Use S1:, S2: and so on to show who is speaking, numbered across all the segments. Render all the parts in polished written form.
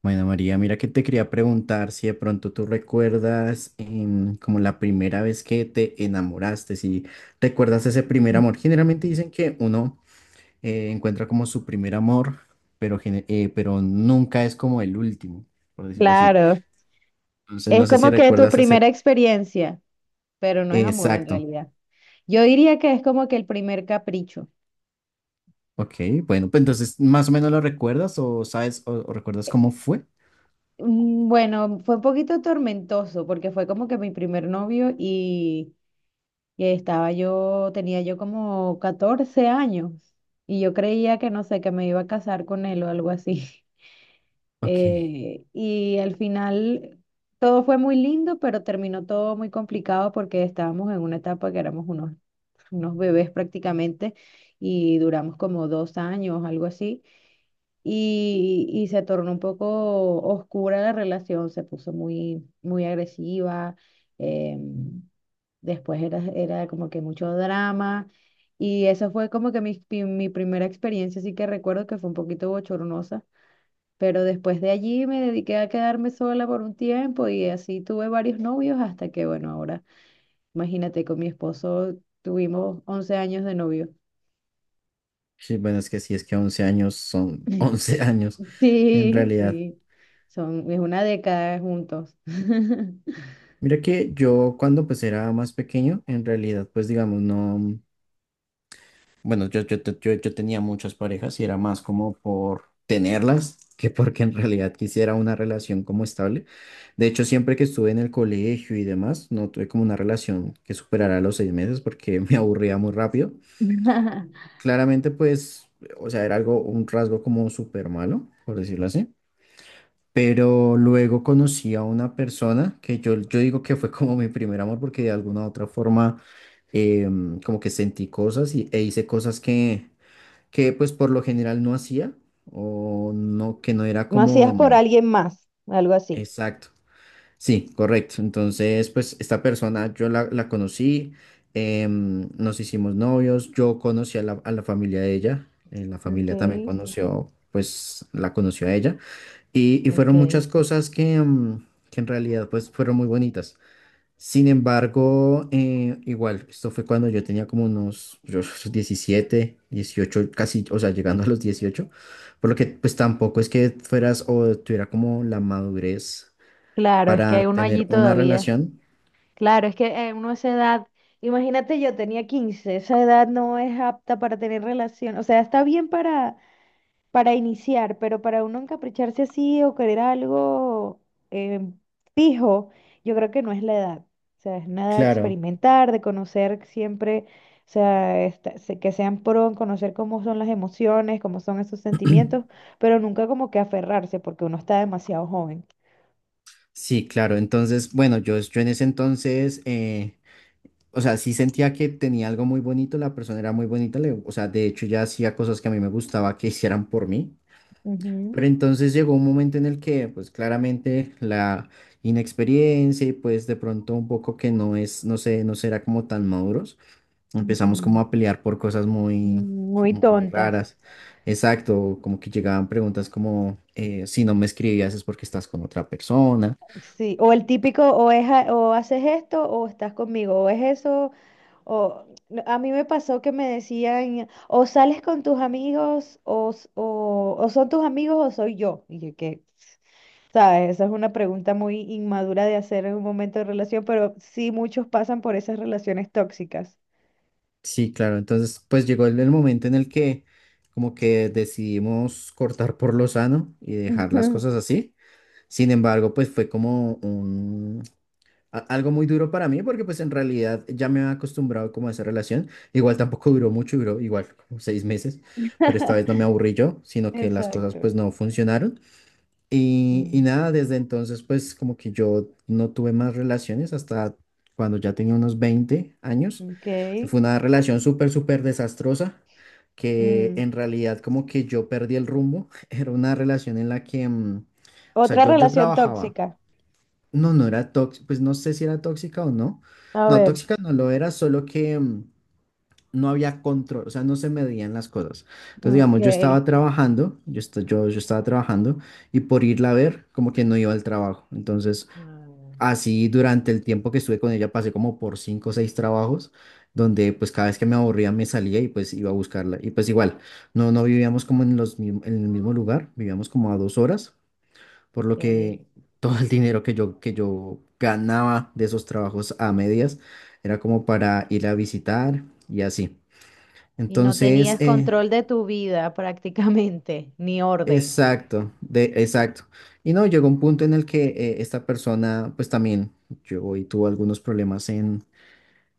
S1: Bueno, María, mira que te quería preguntar si de pronto tú recuerdas como la primera vez que te enamoraste, si recuerdas ese primer amor. Generalmente dicen que uno encuentra como su primer amor, pero nunca es como el último, por decirlo así.
S2: Claro,
S1: Entonces,
S2: es
S1: no sé si
S2: como que tu
S1: recuerdas
S2: primera
S1: ese...
S2: experiencia, pero no es amor en
S1: Exacto.
S2: realidad. Yo diría que es como que el primer capricho.
S1: Ok, bueno, pues entonces, ¿más o menos lo recuerdas o sabes o recuerdas cómo fue?
S2: Bueno, fue un poquito tormentoso porque fue como que mi primer novio y estaba yo, tenía yo como 14 años y yo creía que no sé, que me iba a casar con él o algo así.
S1: Ok.
S2: Y al final todo fue muy lindo, pero terminó todo muy complicado porque estábamos en una etapa que éramos unos bebés prácticamente, y duramos como 2 años, algo así, y se tornó un poco oscura la relación, se puso muy, muy agresiva. em, Después era como que mucho drama, y esa fue como que mi primera experiencia, así que recuerdo que fue un poquito bochornosa. Pero después de allí me dediqué a quedarme sola por un tiempo y así tuve varios novios hasta que, bueno, ahora, imagínate, con mi esposo tuvimos 11 años de novio.
S1: Sí, bueno, es que sí, es que 11 años son 11 años,
S2: Sí,
S1: en realidad.
S2: sí, son, es una década juntos.
S1: Mira que yo cuando pues era más pequeño, en realidad pues digamos no, bueno, yo tenía muchas parejas y era más como por tenerlas que porque en realidad quisiera una relación como estable. De hecho, siempre que estuve en el colegio y demás, no tuve como una relación que superara los 6 meses porque me aburría muy rápido. Claramente, pues, o sea, era algo, un rasgo como súper malo, por decirlo así. Pero luego conocí a una persona que yo digo que fue como mi primer amor porque de alguna u otra forma como que sentí cosas y, e hice cosas que pues por lo general no hacía o no, que no era
S2: No
S1: como
S2: hacías por alguien más, algo así.
S1: exacto. Sí, correcto. Entonces, pues esta persona yo la conocí, nos hicimos novios, yo conocí a la familia de ella, la
S2: Ok.
S1: familia también conoció, pues la conoció a ella y fueron muchas
S2: Ok.
S1: cosas que, que en realidad pues fueron muy bonitas. Sin embargo, igual, esto fue cuando yo tenía como 17, 18, casi, o sea, llegando a los 18 por lo que pues tampoco es que fueras o tuviera como la madurez
S2: Claro, es que
S1: para
S2: hay uno allí
S1: tener una
S2: todavía.
S1: relación.
S2: Claro, es que uno a esa edad, imagínate, yo tenía 15. Esa edad no es apta para tener relación, o sea, está bien para iniciar, pero para uno encapricharse así o querer algo eh, fijo, yo creo que no es la edad. O sea, es nada de
S1: Claro,
S2: experimentar, de conocer siempre, o sea, que sean pro en conocer cómo son las emociones, cómo son esos sentimientos, pero nunca como que aferrarse porque uno está demasiado joven.
S1: sí, claro. Entonces, bueno, yo en ese entonces, o sea, sí sentía que tenía algo muy bonito, la persona era muy bonita, le- o sea, de hecho ya hacía cosas que a mí me gustaba que hicieran por mí.
S2: Ujú,
S1: Pero entonces llegó un momento en el que, pues claramente la inexperiencia y pues de pronto un poco que no es, no sé, no será como tan maduros, empezamos
S2: ujú.
S1: como a pelear por cosas muy,
S2: Muy
S1: muy
S2: tontas.
S1: raras. Exacto, como que llegaban preguntas como, si no me escribías es porque estás con otra persona.
S2: Sí, o el típico, o, es, o haces esto o estás conmigo, o es eso. O, no, a mí me pasó que me decían, o sales con tus amigos, o son tus amigos, o soy yo. Y yo, ¿qué? ¿Sabes? Esa es una pregunta muy inmadura de hacer en un momento de relación, pero sí muchos pasan por esas relaciones tóxicas.
S1: Sí, claro, entonces pues llegó el momento en el que como que decidimos cortar por lo sano y dejar las
S2: Ujú.
S1: cosas así. Sin embargo, pues fue como a- algo muy duro para mí porque pues en realidad ya me había acostumbrado como a esa relación. Igual tampoco duró mucho, duró igual como 6 meses, pero esta vez no me aburrí yo, sino que las cosas
S2: Exacto.
S1: pues no funcionaron. Y
S2: Mm,
S1: nada, desde entonces pues como que yo no tuve más relaciones hasta cuando ya tenía unos 20 años.
S2: ok.
S1: Fue una relación súper, súper desastrosa que
S2: Mm.
S1: en realidad como que yo perdí el rumbo. Era una relación en la que, o sea,
S2: Otra
S1: yo
S2: relación
S1: trabajaba.
S2: tóxica.
S1: No, no era tóxica, pues no sé si era tóxica o no.
S2: A
S1: No,
S2: ver.
S1: tóxica no lo era, solo que no había control, o sea, no se medían las cosas. Entonces, digamos, yo
S2: Ok.
S1: estaba trabajando, yo estaba trabajando y por irla a ver, como que no iba al trabajo. Entonces,
S2: Ah,
S1: así durante el tiempo que estuve con ella, pasé como por cinco o seis trabajos, donde pues cada vez que me aburría me salía y pues iba a buscarla. Y pues igual, no, no vivíamos como en el mismo lugar, vivíamos como a 2 horas por lo
S2: ok.
S1: que todo el dinero que yo ganaba de esos trabajos a medias era como para ir a visitar y así.
S2: Y no
S1: Entonces,
S2: tenías control de tu vida prácticamente, ni orden.
S1: exacto, de, exacto. Y no, llegó un punto en el que esta persona, pues también, yo y tuvo algunos problemas en,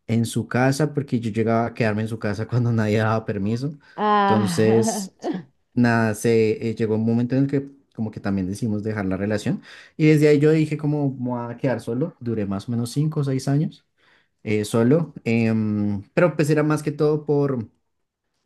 S1: en su casa porque yo llegaba a quedarme en su casa cuando nadie daba permiso.
S2: Ah,
S1: Entonces, nada, se llegó un momento en el que como que también decidimos dejar la relación y desde ahí yo dije como "Me voy a quedar solo, duré más o menos 5 o 6 años solo. Pero pues era más que todo por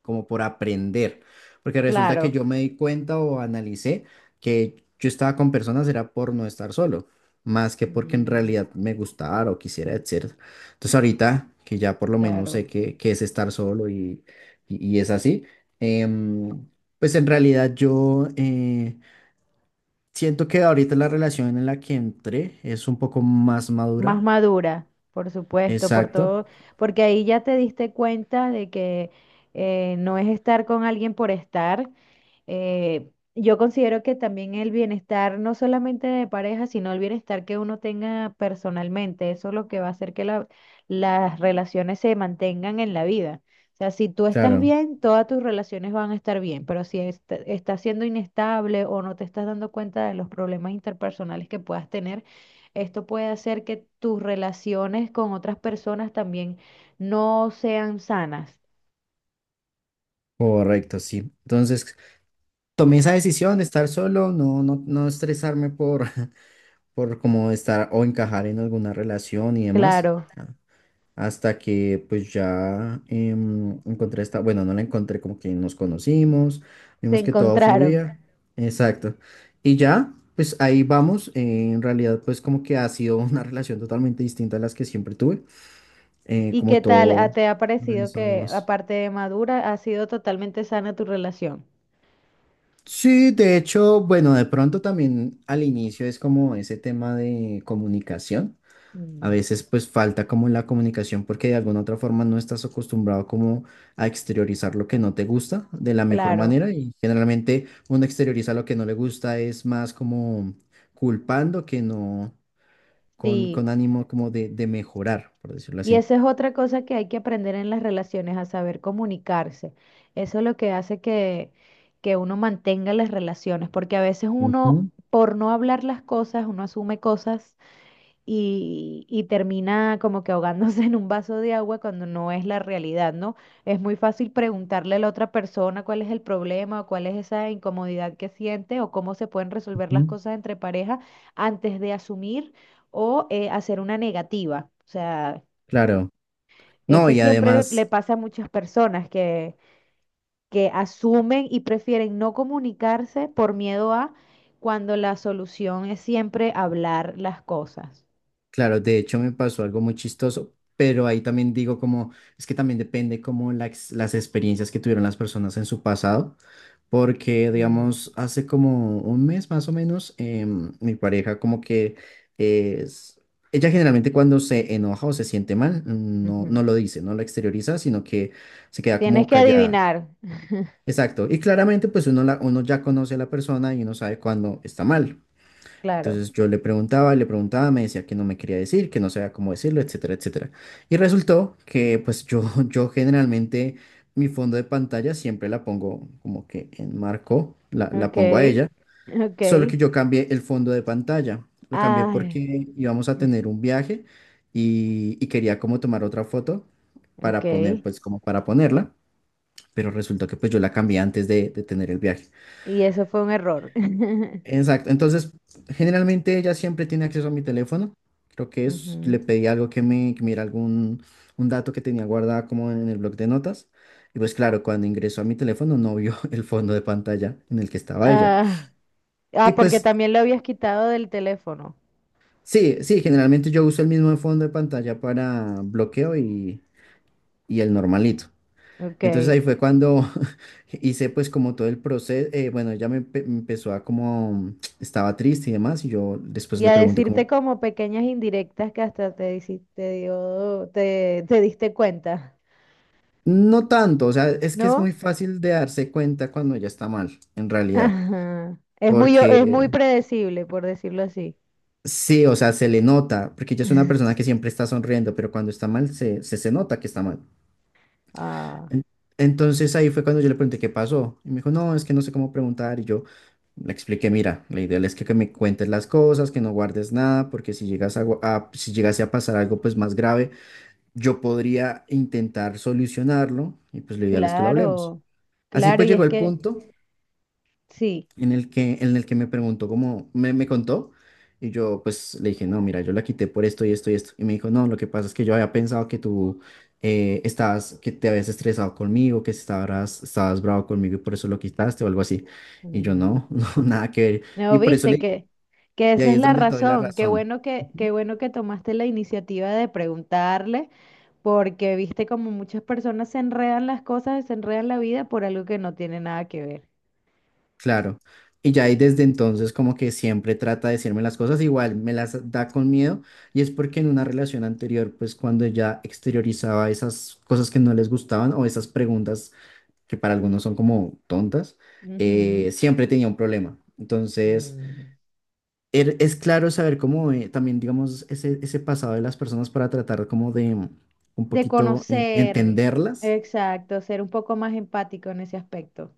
S1: como por aprender, porque resulta que
S2: claro,
S1: yo me di cuenta o analicé que yo estaba con personas era por no estar solo, más que porque en
S2: mm,
S1: realidad me gustara o quisiera, etcétera. Entonces ahorita que ya por lo menos sé
S2: claro.
S1: qué es estar solo y es así, em, pues en realidad yo siento que ahorita la relación en la que entré es un poco más
S2: Más
S1: madura.
S2: madura, por supuesto, por
S1: Exacto,
S2: todo, porque ahí ya te diste cuenta de que no es estar con alguien por estar. Eh, yo considero que también el bienestar, no solamente de pareja, sino el bienestar que uno tenga personalmente, eso es lo que va a hacer que las relaciones se mantengan en la vida. O sea, si tú estás
S1: claro,
S2: bien, todas tus relaciones van a estar bien, pero si estás siendo inestable o no te estás dando cuenta de los problemas interpersonales que puedas tener, esto puede hacer que tus relaciones con otras personas también no sean sanas.
S1: correcto, sí. Entonces tomé esa decisión de estar solo, no estresarme por, por como estar o encajar en alguna relación y demás,
S2: Claro,
S1: a- hasta que pues ya encontré esta, bueno, no la encontré, como que nos conocimos,
S2: se
S1: vimos que todo
S2: encontraron.
S1: fluía, exacto, y ya, pues ahí vamos, en realidad pues como que ha sido una relación totalmente distinta a las que siempre tuve,
S2: ¿Y qué
S1: como
S2: tal
S1: todo
S2: te ha parecido
S1: organizado y
S2: que,
S1: demás.
S2: aparte de madura, ha sido totalmente sana tu relación?
S1: Sí, de hecho, bueno, de pronto también al inicio es como ese tema de comunicación. A
S2: Mm.
S1: veces pues falta como la comunicación porque de alguna otra forma no estás acostumbrado como a exteriorizar lo que no te gusta de la mejor
S2: Claro,
S1: manera y generalmente uno exterioriza lo que no le gusta es más como culpando que no con,
S2: sí.
S1: con ánimo como de mejorar, por decirlo
S2: Y
S1: así.
S2: esa es otra cosa que hay que aprender en las relaciones, a saber comunicarse. Eso es lo que hace que uno mantenga las relaciones, porque a veces uno,
S1: Ujú,
S2: por no hablar las cosas, uno asume cosas y termina como que ahogándose en un vaso de agua cuando no es la realidad, ¿no? Es muy fácil preguntarle a la otra persona cuál es el problema o cuál es esa incomodidad que siente o cómo se pueden resolver
S1: ujú.
S2: las cosas entre pareja antes de asumir o hacer una negativa. O sea,
S1: Claro. No,
S2: eso
S1: y
S2: siempre le
S1: además...
S2: pasa a muchas personas que asumen y prefieren no comunicarse por miedo a cuando la solución es siempre hablar las cosas.
S1: Claro, de hecho me pasó algo muy chistoso, pero ahí también digo como, es que también depende como la ex- las experiencias que tuvieron las personas en su pasado, porque
S2: Mm,
S1: digamos, hace como un mes más o menos, mi pareja como que es, ella generalmente cuando se enoja o se siente mal, no, no
S2: ujú.
S1: lo dice, no lo exterioriza, sino que se queda
S2: Tienes
S1: como
S2: que
S1: callada.
S2: adivinar,
S1: Exacto, y claramente pues uno, la, uno ya conoce a la persona y uno sabe cuando está mal.
S2: claro.
S1: Entonces yo le preguntaba, me decía que no me quería decir, que no sabía cómo decirlo, etcétera, etcétera. Y resultó que pues yo, yo generalmente mi fondo de pantalla siempre la pongo como que en marco, la
S2: Ok,
S1: pongo a ella, solo
S2: ok.
S1: que yo cambié el fondo de pantalla. Lo cambié
S2: Ay,
S1: porque íbamos a tener un viaje y quería como tomar otra foto para poner,
S2: ok.
S1: pues como para ponerla, pero resultó que pues yo la cambié antes de tener el viaje.
S2: Y eso fue un error.
S1: Exacto. Entonces, generalmente ella siempre tiene acceso a mi teléfono. Creo que es, le
S2: Ujú.
S1: pedí algo que mira algún un dato que tenía guardado como en el bloc de notas. Y pues claro, cuando ingresó a mi teléfono no vio el fondo de pantalla en el que estaba ella.
S2: Ah,
S1: Y
S2: ah, porque
S1: pues
S2: también lo habías quitado del teléfono.
S1: sí, sí, generalmente yo uso el mismo fondo de pantalla para bloqueo y el normalito. Entonces
S2: Ok.
S1: ahí fue cuando hice pues como todo el proceso, bueno, ella me empezó a como, estaba triste y demás, y yo después
S2: Y
S1: le
S2: a
S1: pregunté
S2: decirte
S1: como,
S2: como pequeñas indirectas que hasta te hiciste, te diste cuenta,
S1: no tanto, o sea, es que es muy
S2: ¿no?
S1: fácil de darse cuenta cuando ya está mal, en realidad,
S2: Ajá. Es muy, es muy
S1: porque
S2: predecible, por decirlo así.
S1: sí, o sea, se le nota, porque ella es una persona que siempre está sonriendo, pero cuando está mal se nota que está mal.
S2: Ah,
S1: En- Entonces ahí fue cuando yo le pregunté qué pasó, y me dijo, no, es que no sé cómo preguntar, y yo le expliqué, mira, la idea es que, me cuentes las cosas, que no guardes nada, porque si llegas a, gu- a- si llegase a pasar algo pues más grave, yo podría intentar solucionarlo, y pues lo ideal es que lo hablemos.
S2: claro,
S1: Así
S2: claro,
S1: pues
S2: y
S1: llegó
S2: es
S1: el
S2: que
S1: punto
S2: sí.
S1: en el que me preguntó cómo me, me contó y yo pues le dije, no, mira, yo la quité por esto y esto y esto. Y me dijo, no, lo que pasa es que yo había pensado que tú estabas, que te habías estresado conmigo, que estabas bravo conmigo y por eso lo quitaste o algo así. Y yo
S2: Mm.
S1: no, no, nada que ver.
S2: No,
S1: Y por eso
S2: viste
S1: le dije,
S2: que
S1: y
S2: esa
S1: ahí
S2: es
S1: es
S2: la
S1: donde te doy la
S2: razón. Qué
S1: razón.
S2: bueno qué bueno que tomaste la iniciativa de preguntarle, porque viste como muchas personas se enredan las cosas, se enredan la vida por algo que no tiene nada que ver.
S1: Claro. Y ya ahí desde entonces como que siempre trata de decirme las cosas, igual me las da con miedo y es porque en una relación anterior, pues cuando ella exteriorizaba esas cosas que no les gustaban o esas preguntas que para algunos son como tontas,
S2: Ujú.
S1: siempre tenía un problema. Entonces,
S2: Mm.
S1: es claro saber cómo también, digamos, ese pasado de las personas para tratar como de un
S2: De
S1: poquito
S2: conocer,
S1: entenderlas.
S2: exacto, ser un poco más empático en ese aspecto.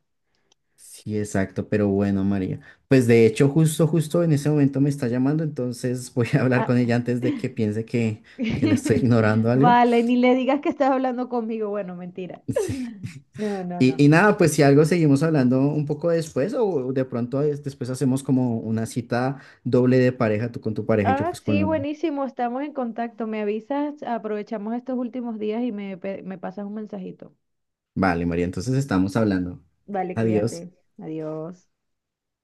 S1: Sí, exacto, pero bueno, María. Pues de hecho, justo, justo en ese momento me está llamando, entonces voy a hablar
S2: Ah,
S1: con ella antes de que piense que, la estoy ignorando algo.
S2: vale, ni le digas que estás hablando conmigo. Bueno, mentira.
S1: Sí.
S2: No, no, no.
S1: Y nada, pues si algo seguimos hablando un poco después o de pronto después hacemos como una cita doble de pareja, tú con tu pareja y yo
S2: Ah,
S1: pues con
S2: sí,
S1: la mía.
S2: buenísimo, estamos en contacto. Me avisas, aprovechamos estos últimos días y me pasas un mensajito.
S1: Vale, María, entonces estamos hablando.
S2: Vale,
S1: Adiós.
S2: cuídate. Adiós.